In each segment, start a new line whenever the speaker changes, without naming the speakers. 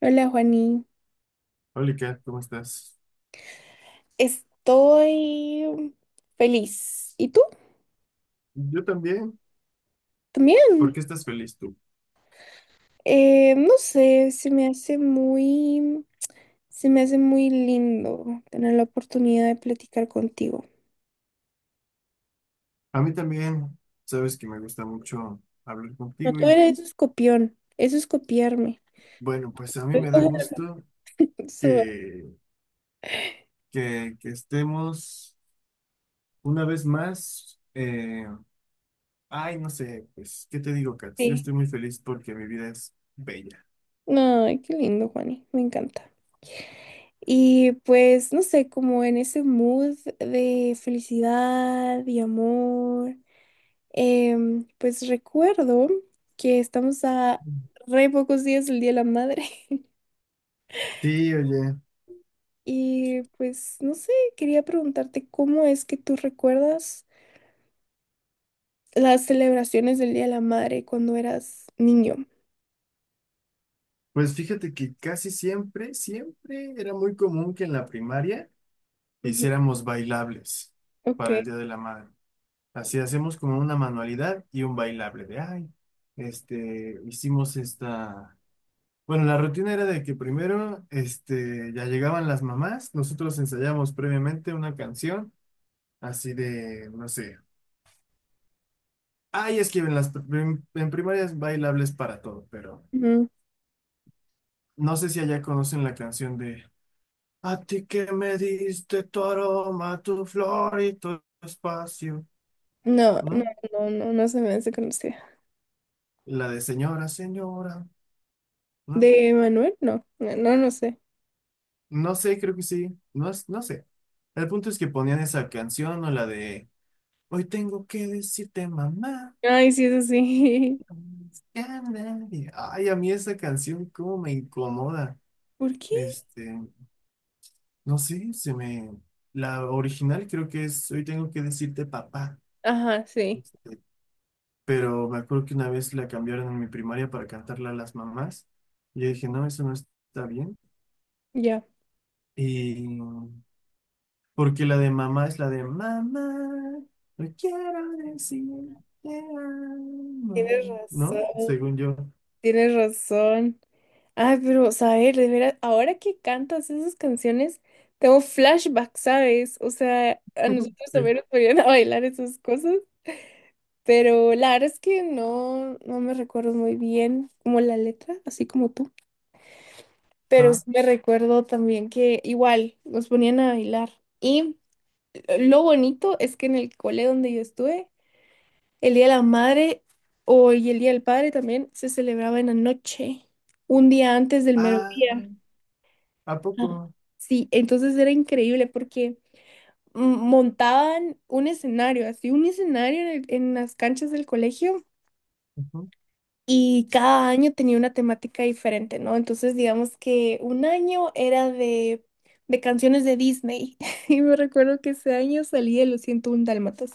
Hola, Juani.
Hola, Kat, ¿cómo estás?
Estoy feliz. ¿Y tú?
Yo también. ¿Por
También.
qué estás feliz tú?
No sé, se me hace muy lindo tener la oportunidad de platicar contigo.
A mí también, sabes que me gusta mucho hablar
No,
contigo
tú
y
eres eso es eso es copiarme.
bueno, pues a mí me da gusto
Eso,
que, que estemos una vez más. Ay, no sé, pues, ¿qué te digo, Kat? Yo
sí.
estoy muy feliz porque mi vida es bella.
No, ay, qué lindo, Juani. Me encanta. Y pues, no sé, como en ese mood de felicidad y amor. Pues recuerdo que estamos a re pocos días del Día de la Madre.
Sí, oye,
Y pues no sé, quería preguntarte cómo es que tú recuerdas las celebraciones del Día de la Madre cuando eras niño.
pues fíjate que casi siempre, siempre era muy común que en la primaria
Ujú.
hiciéramos bailables
Ok.
para el Día de la Madre. Así hacemos como una manualidad y un bailable de, ay, hicimos esta... Bueno, la rutina era de que primero, ya llegaban las mamás, nosotros ensayamos previamente una canción, así de, no sé, ay, es que en primarias bailables para todo, pero
Ujú.
no sé si allá conocen la canción de, a ti que me diste tu aroma, tu flor y tu espacio,
No, no,
¿no?
no, no, no se me hace conocida.
La de señora, señora. ¿No?
¿De Manuel? No, no, no, no sé.
No sé, creo que sí. No, no sé. El punto es que ponían esa canción o la de Hoy tengo que decirte, mamá.
Ay, sí, es así.
Ya nadie". Ay, a mí esa canción, cómo me incomoda.
¿Por qué?
Este, no sé, se me. La original creo que es Hoy tengo que decirte, papá.
Ajá, sí,
Este, pero me acuerdo que una vez la cambiaron en mi primaria para cantarla a las mamás. Y yo dije, no, eso no está bien.
ya.
Y porque la de mamá es la de mamá, no quiero decir te
Tienes
amo", ¿no?
razón.
Según yo.
Tienes razón. Ay, pero, saber, de veras, ahora que cantas esas canciones, tengo flashbacks, ¿sabes? O sea, a nosotros
Sí.
también nos ponían a bailar esas cosas, pero la verdad es que no, no me recuerdo muy bien como la letra, así como tú. Pero sí
Ah,
me recuerdo también que igual nos ponían a bailar. Y lo bonito es que en el cole donde yo estuve, el Día de la Madre o y el Día del Padre también se celebraba en la noche, un día antes del
ah,
mediodía.
¿A
Ah.
poco?
Sí, entonces era increíble porque, mm, montaban un escenario, así un escenario en, en las canchas del colegio,
Ujú.
y cada año tenía una temática diferente, ¿no? Entonces digamos que un año era de canciones de Disney. Y me recuerdo que ese año salí de Los 101 Dálmatas.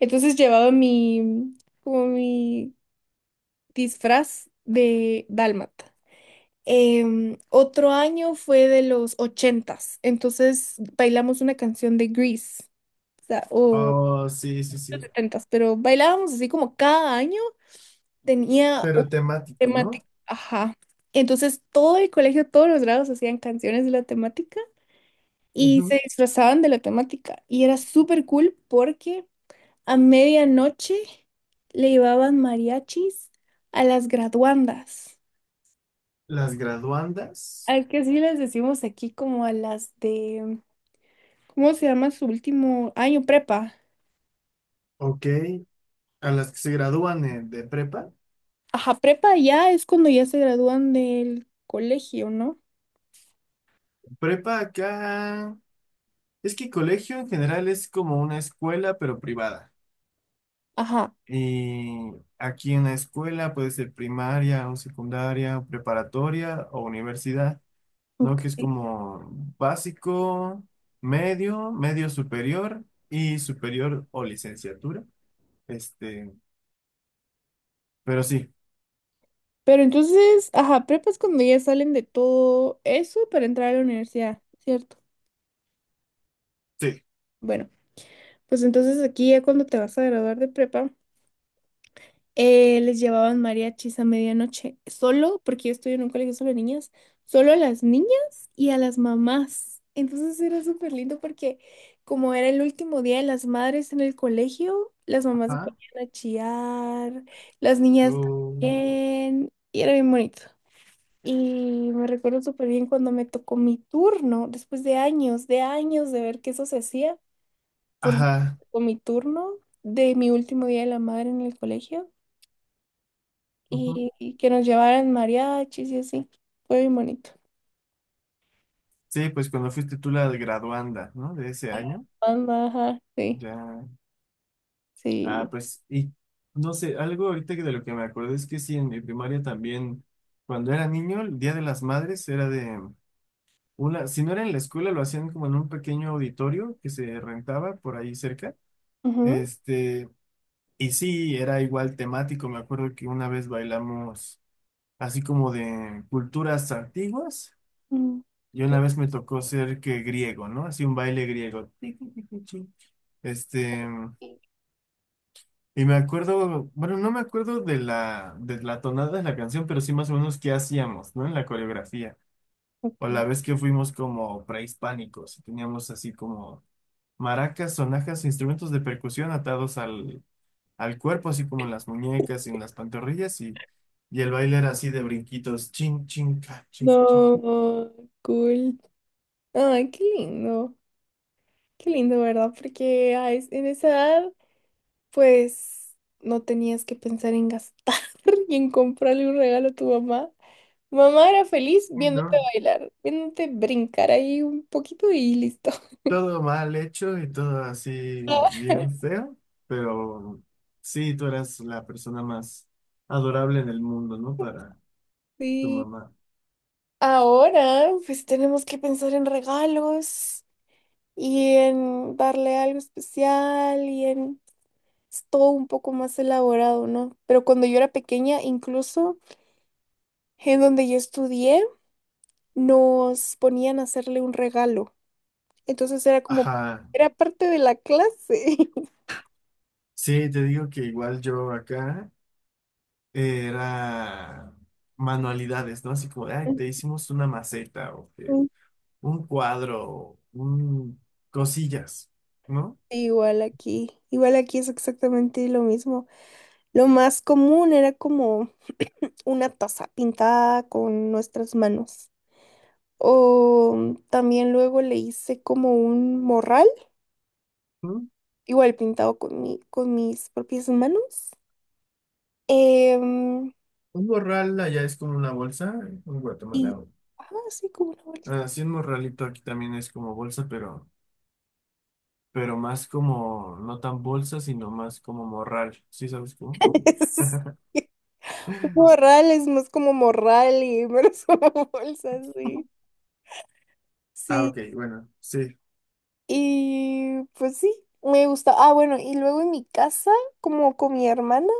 Entonces llevaba mi, como mi disfraz de dálmata. Otro año fue de los ochentas, entonces bailamos una canción de Grease, o sea, o
Oh, sí, sí, sí.
setentas, pero bailábamos así como cada año tenía un
Pero temático, ¿no?
temática, ajá. Entonces todo el colegio, todos los grados hacían canciones de la temática y
Ujú.
se disfrazaban de la temática y era súper cool porque a medianoche le llevaban mariachis a las graduandas,
Las graduandas,
al que sí les decimos aquí como a las de, ¿cómo se llama su último año? Prepa.
ok. A las que se gradúan de prepa.
Ajá, prepa ya es cuando ya se gradúan del colegio, ¿no?
Prepa acá. Es que colegio en general es como una escuela, pero privada.
Ajá,
Y aquí en la escuela puede ser primaria o secundaria, o preparatoria o universidad, ¿no? Que es
ok.
como básico, medio, medio superior y superior o licenciatura. Este, pero sí,
Pero entonces, ajá, prepa es cuando ya salen de todo eso para entrar a la universidad, ¿cierto?
sí,
Bueno, pues entonces aquí ya cuando te vas a graduar de prepa, les llevaban mariachis a medianoche, solo, porque yo estoy en un colegio solo de niñas, solo a las niñas y a las mamás. Entonces era súper lindo porque como era el último día de las madres en el colegio, las mamás se
ajá.
ponían a chillar, las niñas
O-
también, y era bien bonito. Y me recuerdo súper bien cuando me tocó mi turno, después de años, de años de ver que eso se hacía, por fin me
ajá.
tocó mi turno de mi último día de la madre en el colegio
Ujú.
y que nos llevaran mariachis y así. Fue bien bonito.
Sí, pues cuando fuiste tú la graduanda, ¿no? De ese año,
Banda, ajá, sí,
ya.
sí.
Ah, pues, y no sé, algo ahorita que de lo que me acuerdo es que sí, en mi primaria también, cuando era niño, el Día de las Madres era de una, si no era en la escuela, lo hacían como en un pequeño auditorio que se rentaba por ahí cerca.
Ujú,
Este, y sí, era igual temático. Me acuerdo que una vez bailamos así como de culturas antiguas,
mm,
y una
cool.
vez me tocó ser que griego, ¿no? Así un baile griego. Este. Y me acuerdo, bueno, no me acuerdo de la tonada de la canción, pero sí más o menos qué hacíamos, ¿no? En la coreografía. O
Ok.
la vez que fuimos como prehispánicos, y teníamos así como maracas, sonajas, instrumentos de percusión atados al, al cuerpo, así como en las muñecas y en las pantorrillas, y el baile era así de brinquitos, chin, chin, ca, chin, chin.
No, cool. Ay, qué lindo. Qué lindo, ¿verdad? Porque en esa edad, pues, no tenías que pensar en gastar y en comprarle un regalo a tu mamá. Mamá era feliz viéndote
¿No?
bailar, viéndote brincar ahí un poquito y listo.
Todo mal hecho y todo así bien feo, pero sí, tú eras la persona más adorable en el mundo, ¿no? Para tu
Sí.
mamá.
Ahora, pues tenemos que pensar en regalos y en darle algo especial y en, es todo un poco más elaborado, ¿no? Pero cuando yo era pequeña, incluso en donde yo estudié, nos ponían a hacerle un regalo. Entonces era como,
Ajá,
era parte de la clase.
sí, te digo que igual yo acá era manualidades, ¿no? Así como, de, ay, te hicimos una maceta o que
Ujú.
un cuadro, o un cosillas, ¿no?
Igual aquí es exactamente lo mismo. Lo más común era como una taza pintada con nuestras manos. O también luego le hice como un morral,
¿Mm?
igual pintado con mi, con mis propias manos. Em,
Un morral allá es como una bolsa, en
y,
Guatemala. O-
ajá, sí, como una bolsa.
así un morralito aquí también es como bolsa, pero más como, no tan bolsa, sino más como morral. ¿Sí sabes cómo?
Un morral es más como morral y menos como bolsa, sí.
Ah,
Sí,
ok, bueno, sí.
y pues sí, me gusta. Ah, bueno, y luego en mi casa, como con mi hermana,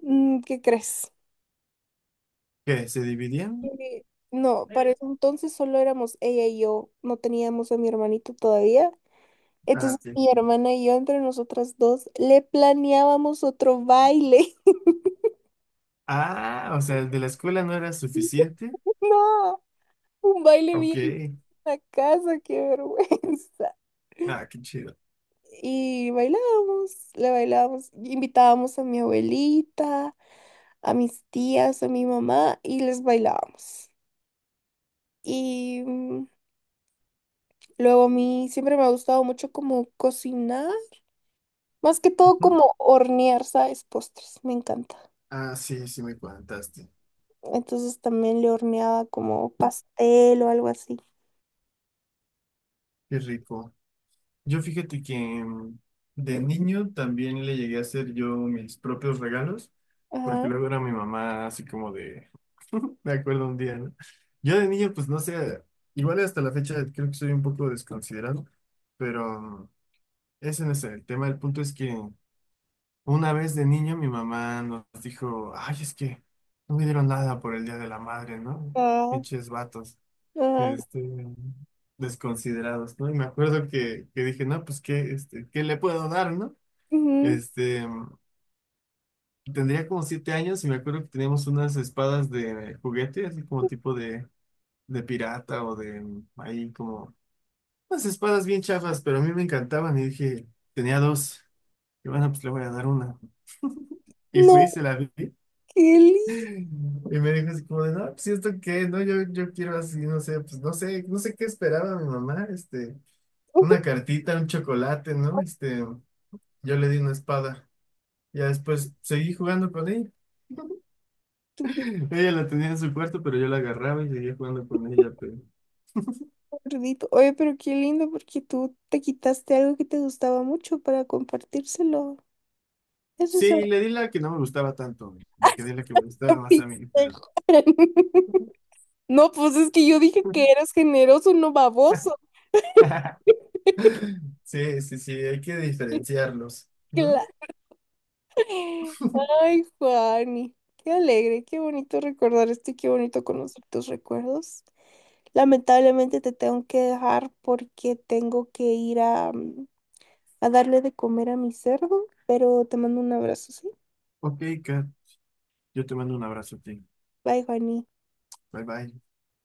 mm, ¿qué crees?
¿Qué? ¿Se dividían?
Eh, No, para ese entonces solo éramos ella y yo, no teníamos a mi hermanito todavía. Entonces
Ah, sí.
mi hermana y yo, entre nosotras dos, le planeábamos otro baile.
Ah, o sea, el de la escuela no era suficiente.
No, un baile
Ok.
bien en la casa, qué vergüenza.
Ah, qué chido.
Y bailábamos, le bailábamos, invitábamos a mi abuelita, a mis tías, a mi mamá y les bailábamos. Y, luego a mí siempre me ha gustado mucho como cocinar, más que todo
Ujú.
como hornear, ¿sabes? Postres, me encanta.
Ah, sí, sí me contaste.
Entonces también le horneaba como pastel o algo así.
Qué rico. Yo fíjate que de niño también le llegué a hacer yo mis propios regalos, porque
Ajá,
luego era mi mamá así como de, me acuerdo un día, ¿no? Yo de niño, pues no sé, igual hasta la fecha creo que soy un poco desconsiderado, pero ese no es el tema. El punto es que una vez de niño mi mamá nos dijo, ay, es que no me dieron nada por el Día de la Madre, ¿no?
ah,
Pinches vatos
ajá.
este, desconsiderados, ¿no? Y me acuerdo que dije, no, pues, ¿qué, este, qué le puedo dar, no?
Ujú.
Este, tendría como siete años y me acuerdo que teníamos unas espadas de juguete, así como tipo de pirata o de ahí como, unas espadas bien chafas, pero a mí me encantaban y dije, tenía dos. Y bueno, pues le voy a dar una. Y fui,
No,
se la di.
qué lindo.
Y me dijo así como de, no, pues ¿y esto qué, no, yo quiero así, no sé, pues no sé, no sé qué esperaba mi mamá, este. Una cartita, un chocolate, ¿no? Este, yo le di una espada. Ya después seguí jugando con ella.
Tu pico
Ella la tenía en su cuarto, pero yo la agarraba y seguía jugando con ella, pero...
gordito. Oye, pero qué lindo porque tú te quitaste algo que te gustaba mucho para compartírselo. Eso es
Sí,
algo
le di la que no me gustaba tanto, me quedé la que me
que
gustaba
me
más a mí,
hice,
pero...
Juan. No, pues es que yo dije que eras generoso, no baboso.
Sí, sí, sí, hay que diferenciarlos,
Claro.
¿no?
Ay, Juani. Qué alegre, qué bonito recordar esto y qué bonito conocer tus recuerdos. Lamentablemente te tengo que dejar porque tengo que ir a darle de comer a mi cerdo, pero te mando un abrazo, ¿sí?
Ok, Kat, yo te mando un abrazo a ti.
Bye, Juani.
Bye, bye.